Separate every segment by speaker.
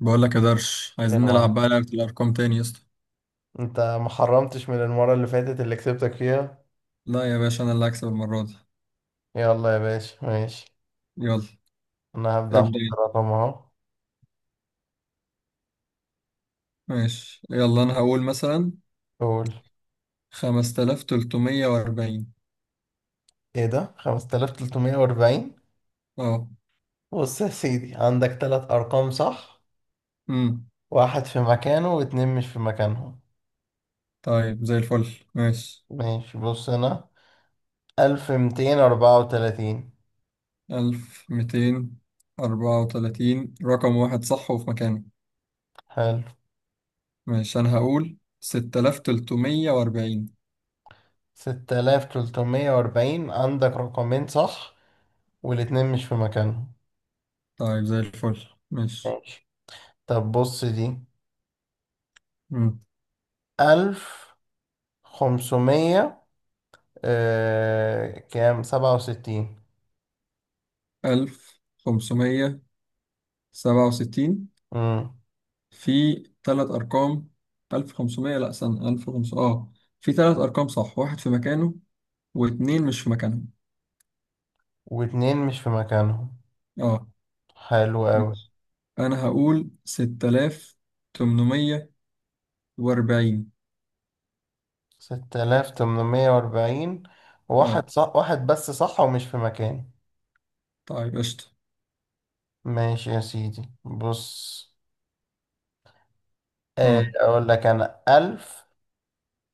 Speaker 1: بقول لك يا درش،
Speaker 2: يا
Speaker 1: عايزين
Speaker 2: مان،
Speaker 1: نلعب بقى لعبة الأرقام تاني يا اسطى.
Speaker 2: انت ما حرمتش من المرة اللي فاتت اللي كسبتك فيها؟
Speaker 1: لا يا باشا، أنا اللي هكسب المرة دي.
Speaker 2: يلا يا باشا، ماشي.
Speaker 1: يلا،
Speaker 2: انا هبدأ
Speaker 1: ابدأ
Speaker 2: احط
Speaker 1: انت.
Speaker 2: رقم اهو.
Speaker 1: ماشي يلا، أنا هقول مثلا
Speaker 2: قول.
Speaker 1: 5340.
Speaker 2: ايه ده؟ 5340.
Speaker 1: أه.
Speaker 2: بص يا سيدي، عندك تلات ارقام صح،
Speaker 1: أمم.
Speaker 2: واحد في مكانه واتنين مش في مكانهم.
Speaker 1: طيب زي الفل، ماشي.
Speaker 2: ماشي، بص هنا. 1234.
Speaker 1: 1234 رقم واحد صح وفي مكانه.
Speaker 2: حلو.
Speaker 1: ماشي، أنا هقول 6340.
Speaker 2: 6340 عندك رقمين صح والاتنين مش في مكانهم.
Speaker 1: طيب زي الفل، ماشي.
Speaker 2: ماشي. طب بص دي 1500. كام، سبعة وستين.
Speaker 1: 1567،
Speaker 2: مم.
Speaker 1: في ثلاث أرقام. 1500، لأ استنى، 1500، اه، في ثلاث أرقام صح، واحد في مكانه واتنين مش في مكانهم.
Speaker 2: واتنين مش في مكانهم.
Speaker 1: اه.
Speaker 2: حلو أوي.
Speaker 1: ماشي. أنا هقول 6840.
Speaker 2: ستة آلاف تمنمية وأربعين.
Speaker 1: اه،
Speaker 2: واحد صح، واحد بس صح ومش في مكانه.
Speaker 1: طيب قشطة.
Speaker 2: ماشي يا سيدي، بص.
Speaker 1: اه.
Speaker 2: أقول لك أنا ألف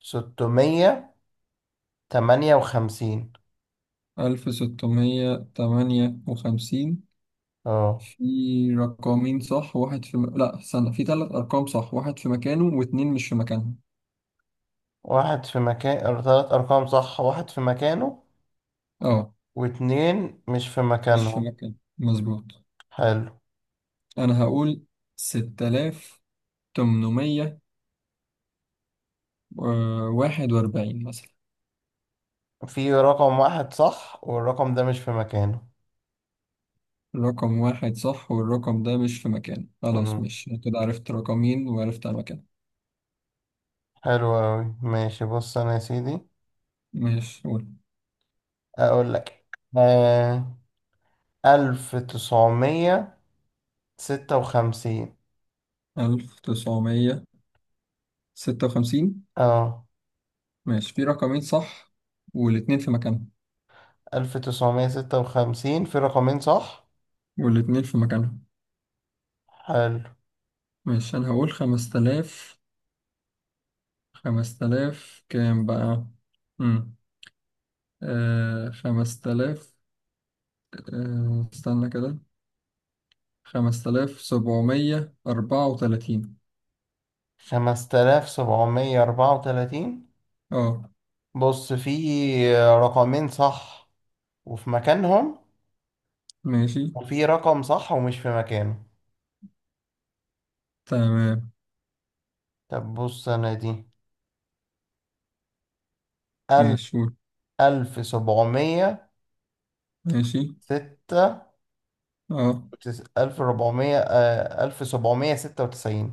Speaker 2: ستمية تمانية وخمسين.
Speaker 1: 1658،
Speaker 2: اه
Speaker 1: في رقمين صح، واحد في لا استنى، في ثلاث أرقام صح، واحد في مكانه واتنين مش في مكانهم.
Speaker 2: واحد في مكان، تلات أرقام صح، واحد في مكانه
Speaker 1: اه،
Speaker 2: واتنين مش في
Speaker 1: مش في
Speaker 2: مكانهم.
Speaker 1: مكانه مظبوط.
Speaker 2: حلو.
Speaker 1: أنا هقول 6000 تمنمية واحد وأربعين مثلا.
Speaker 2: في رقم واحد صح والرقم ده مش في مكانه.
Speaker 1: الرقم واحد صح والرقم ده مش في مكانه، خلاص،
Speaker 2: مم.
Speaker 1: مش كده عرفت رقمين وعرفت على مكانه.
Speaker 2: حلو أوي. ماشي، بص أنا يا سيدي
Speaker 1: ماشي، قول.
Speaker 2: أقول لك. آه ألف تسعمية ستة وخمسين.
Speaker 1: 1956.
Speaker 2: أه
Speaker 1: ماشي، في رقمين صح والاتنين في مكانهم.
Speaker 2: ألف تسعمية ستة وخمسين في رقمين صح.
Speaker 1: والاتنين في مكانهم.
Speaker 2: حلو.
Speaker 1: ماشي، أنا هقول خمس تلاف. خمس تلاف كام بقى؟ مم. آه، خمس تلاف. آه استنى كده، 5734.
Speaker 2: خمس تلاف سبعمية أربعة وتلاتين.
Speaker 1: اه.
Speaker 2: بص، في رقمين صح وفي مكانهم،
Speaker 1: ماشي.
Speaker 2: وفي رقم صح ومش في مكانه.
Speaker 1: تمام.
Speaker 2: طب بص أنا دي. ألف
Speaker 1: ماشي، قول.
Speaker 2: ألف سبعمية
Speaker 1: ماشي.
Speaker 2: ستة،
Speaker 1: اه.
Speaker 2: ألف ربعمية، ألف سبعمية ستة وتسعين.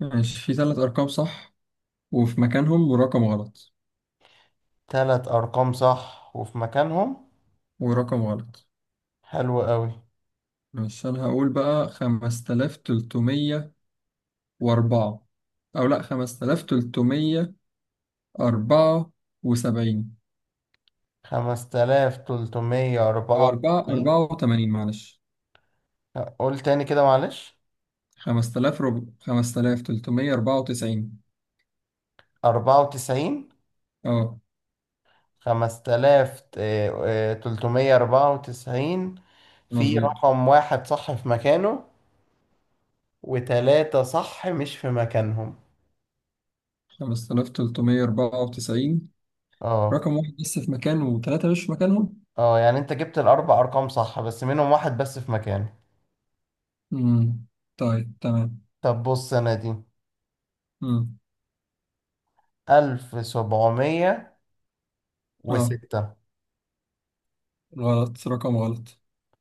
Speaker 1: ماشي، في ثلاث ارقام صح وفي مكانهم ورقم غلط.
Speaker 2: تلات أرقام صح وفي مكانهم.
Speaker 1: ورقم غلط.
Speaker 2: حلو قوي.
Speaker 1: ماشي، انا هقول بقى خمسة آلاف تلتمية واربعة، او لا، 5374،
Speaker 2: خمسة آلاف تلتمية أربعة
Speaker 1: او اربعة
Speaker 2: وتسعين.
Speaker 1: اربعة وتمانين، معلش.
Speaker 2: قول تاني كده، معلش.
Speaker 1: خمسة آلاف خمسة آلاف تلتمية اربعة وتسعين.
Speaker 2: أربعة وتسعين.
Speaker 1: اه،
Speaker 2: خمسة آلاف تلتمية أربعة وتسعين. في
Speaker 1: مظبوط.
Speaker 2: رقم واحد صح في مكانه، وتلاتة صح مش في مكانهم.
Speaker 1: 5394،
Speaker 2: اه،
Speaker 1: رقم واحد بس في مكانه وثلاثة مش في مكانهم.
Speaker 2: اه، يعني انت جبت الأربع أرقام صح بس منهم واحد بس في مكانه.
Speaker 1: مم. طيب تمام.
Speaker 2: طب بص أنا دي.
Speaker 1: امم.
Speaker 2: ألف سبعمية
Speaker 1: اه،
Speaker 2: وستة.
Speaker 1: غلط، رقم غلط.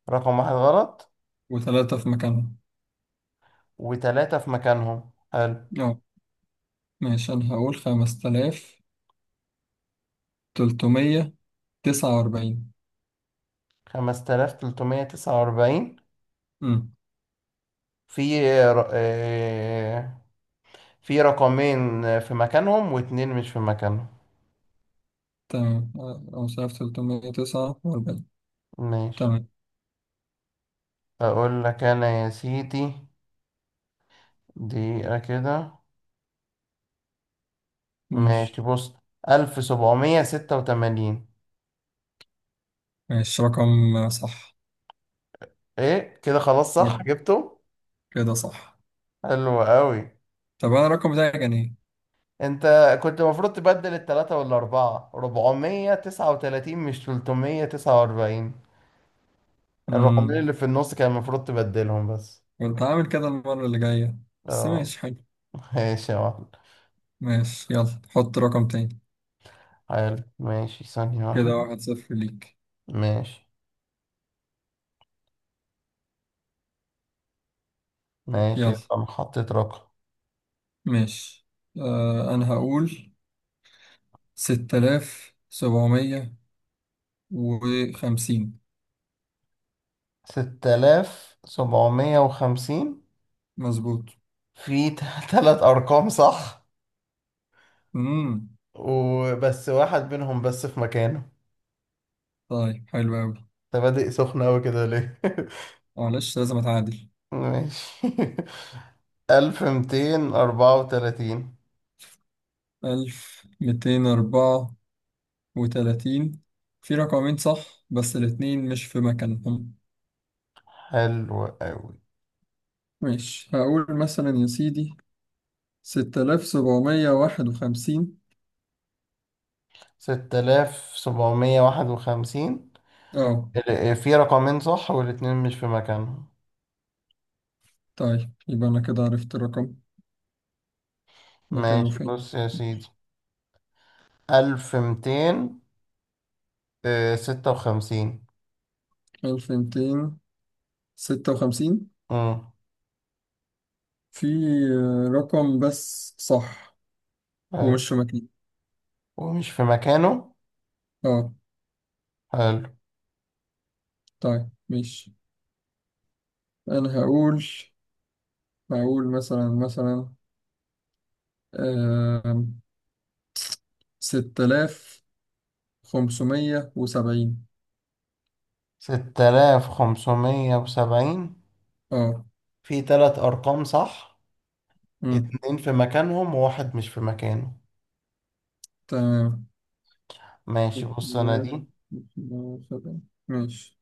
Speaker 2: رقم واحد غلط
Speaker 1: وثلاثة في مكانها.
Speaker 2: وتلاتة في مكانهم. حلو.
Speaker 1: اه، ماشي، انا هقول 5349.
Speaker 2: خمسة آلاف تلتمية تسعة وأربعين.
Speaker 1: امم.
Speaker 2: في ر- آه، في رقمين في مكانهم واتنين مش في مكانهم.
Speaker 1: تمام. 5349.
Speaker 2: ماشي.
Speaker 1: تمام.
Speaker 2: أقول لك أنا يا سيدي، دقيقة كده. ماشي،
Speaker 1: ماشي.
Speaker 2: بص. ألف سبعمية ستة وتمانين.
Speaker 1: ماشي، رقم صح.
Speaker 2: إيه كده؟ خلاص صح، جبته.
Speaker 1: كده صح.
Speaker 2: حلو أوي.
Speaker 1: طب أنا الرقم بتاعي كان إيه؟
Speaker 2: أنت كنت المفروض تبدل التلاتة والأربعة، ربعمية تسعة وتلاتين، مش تلتمية تسعة وأربعين. الرقمين
Speaker 1: امم.
Speaker 2: اللي في النص كان المفروض تبدلهم بس.
Speaker 1: كنت هعمل كده المرة اللي جاية. بس
Speaker 2: اه.
Speaker 1: ماشي، حلو.
Speaker 2: ماشي يا واحد.
Speaker 1: ماشي يلا، حط رقم تاني.
Speaker 2: حلو، ماشي، ثانية
Speaker 1: كده
Speaker 2: واحدة.
Speaker 1: واحد صفر ليك.
Speaker 2: ماشي. ماشي،
Speaker 1: يلا.
Speaker 2: يبقى أنا حطيت رقم.
Speaker 1: ماشي. آه أنا هقول 6750.
Speaker 2: ستة آلاف سبعمية وخمسين.
Speaker 1: مظبوط.
Speaker 2: في تلات أرقام صح،
Speaker 1: امم.
Speaker 2: وبس واحد منهم بس في مكانه.
Speaker 1: طيب حلو أوي.
Speaker 2: أنت بادئ سخن أوي كده ليه؟
Speaker 1: معلش، لازم أتعادل.
Speaker 2: ماشي. ألف ميتين أربعة وتلاتين.
Speaker 1: 1234، في رقمين صح بس الاتنين مش في مكانهم.
Speaker 2: حلو أوي.
Speaker 1: ماشي، هقول مثلا يا سيدي 6751.
Speaker 2: ستة آلاف سبعمية واحد وخمسين.
Speaker 1: اه.
Speaker 2: في رقمين صح والاتنين مش في مكانهم.
Speaker 1: طيب يبقى أنا كده عرفت الرقم. مكانه
Speaker 2: ماشي،
Speaker 1: فين؟
Speaker 2: بص يا سيدي. ألف ميتين ستة وخمسين.
Speaker 1: 1256،
Speaker 2: امم.
Speaker 1: في رقم بس صح.
Speaker 2: حلو.
Speaker 1: ومش في مكانه.
Speaker 2: ومش في مكانه.
Speaker 1: اه.
Speaker 2: حلو.
Speaker 1: طيب ماشي. أنا هقول، هقول مثلا آم، 6570.
Speaker 2: ستة آلاف خمسمية وسبعين
Speaker 1: اه.
Speaker 2: في تلات أرقام صح.
Speaker 1: أمم.
Speaker 2: اتنين في مكانهم وواحد مش في مكانه.
Speaker 1: تمام.
Speaker 2: ماشي، بص أنا دي.
Speaker 1: 6570. ماشي.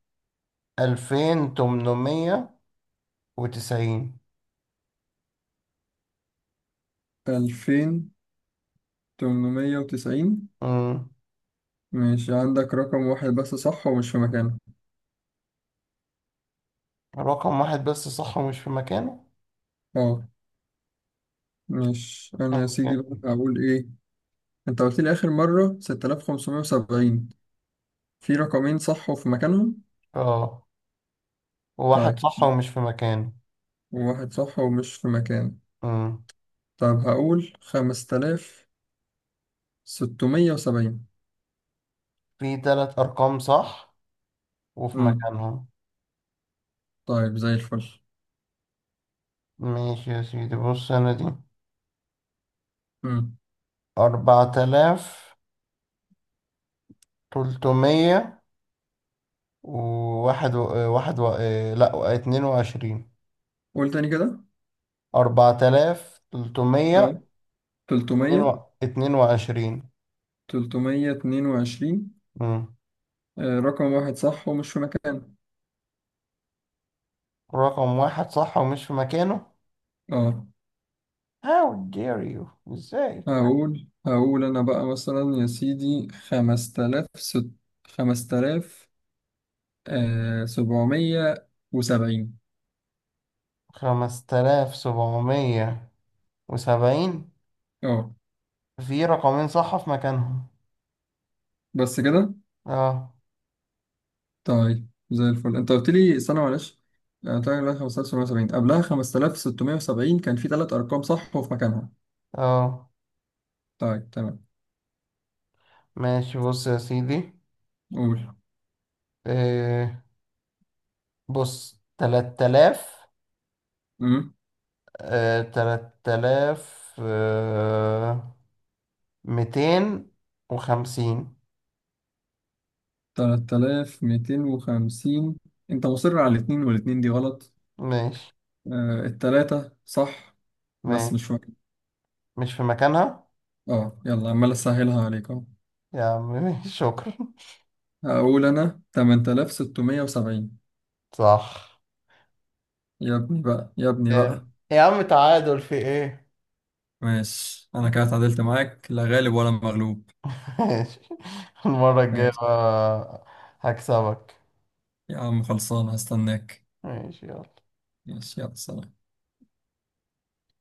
Speaker 2: ألفين تمنمية وتسعين.
Speaker 1: 2890.
Speaker 2: امم
Speaker 1: ماشي، عندك رقم واحد بس صح ومش في مكانه.
Speaker 2: رقم واحد بس صح ومش في مكانه.
Speaker 1: اه. ماشي، أنا يا
Speaker 2: ماشي.
Speaker 1: سيدي بقى هقول إيه. أنت قلت لي آخر مرة 6570، في رقمين صح وفي مكانهم.
Speaker 2: اه، وواحد
Speaker 1: طيب.
Speaker 2: صح ومش في مكانه.
Speaker 1: وواحد صح ومش في مكانه.
Speaker 2: مم.
Speaker 1: طب هقول 5670.
Speaker 2: في تلات أرقام صح وفي
Speaker 1: أمم.
Speaker 2: مكانهم.
Speaker 1: طيب زي الفل.
Speaker 2: ماشي يا سيدي، بص أنا دي.
Speaker 1: أمم.
Speaker 2: أربعة آلاف تلتمية وواحد و... آه، لأ، اتنين وعشرين.
Speaker 1: قول تاني كده.
Speaker 2: أربعة آلاف تلتمية
Speaker 1: أه،
Speaker 2: اتنين و...
Speaker 1: تلتمية.
Speaker 2: اتنين وعشرين.
Speaker 1: 322.
Speaker 2: مم.
Speaker 1: رقم واحد صح ومش في مكانه.
Speaker 2: رقم واحد صح ومش في مكانه.
Speaker 1: أه.
Speaker 2: How dare you. إزاي؟
Speaker 1: هقول أنا بقى مثلا يا سيدي خمسة آلاف 5770.
Speaker 2: خمسة آلاف سبعمية وسبعين
Speaker 1: أه.
Speaker 2: في رقمين صح في مكانهم.
Speaker 1: بس كده.
Speaker 2: اه.
Speaker 1: طيب زي الفل. انت قلت لي استنى معلش. طيب لا 5770 قبلها 5670 كان في ثلاث ارقام صح وفي مكانها.
Speaker 2: اه.
Speaker 1: طيب تمام.
Speaker 2: ماشي، بص يا سيدي.
Speaker 1: قول.
Speaker 2: إيه؟ بص. تلات آلاف
Speaker 1: امم.
Speaker 2: تلات آلاف ميتين وخمسين.
Speaker 1: 3250. انت مصر على الاثنين، والاثنين دي غلط.
Speaker 2: ماشي.
Speaker 1: آه الثلاثة صح. بس مش
Speaker 2: ماشي،
Speaker 1: فاكر.
Speaker 2: مش في مكانها.
Speaker 1: اه، يلا عمال اسهلها عليك اهو.
Speaker 2: يا عم ماشي، شكرا.
Speaker 1: هقول انا 8670.
Speaker 2: صح.
Speaker 1: يا ابني بقى، يا ابني بقى.
Speaker 2: جامد يا عم، تعادل في ايه؟
Speaker 1: ماشي، انا كده اتعادلت معاك، لا غالب ولا مغلوب.
Speaker 2: ماشي. المرة الجاية
Speaker 1: ماشي.
Speaker 2: بقى هكسبك.
Speaker 1: يا عم خلصان، هستناك.
Speaker 2: ماشي يلا.
Speaker 1: ماشي يلا، سلام.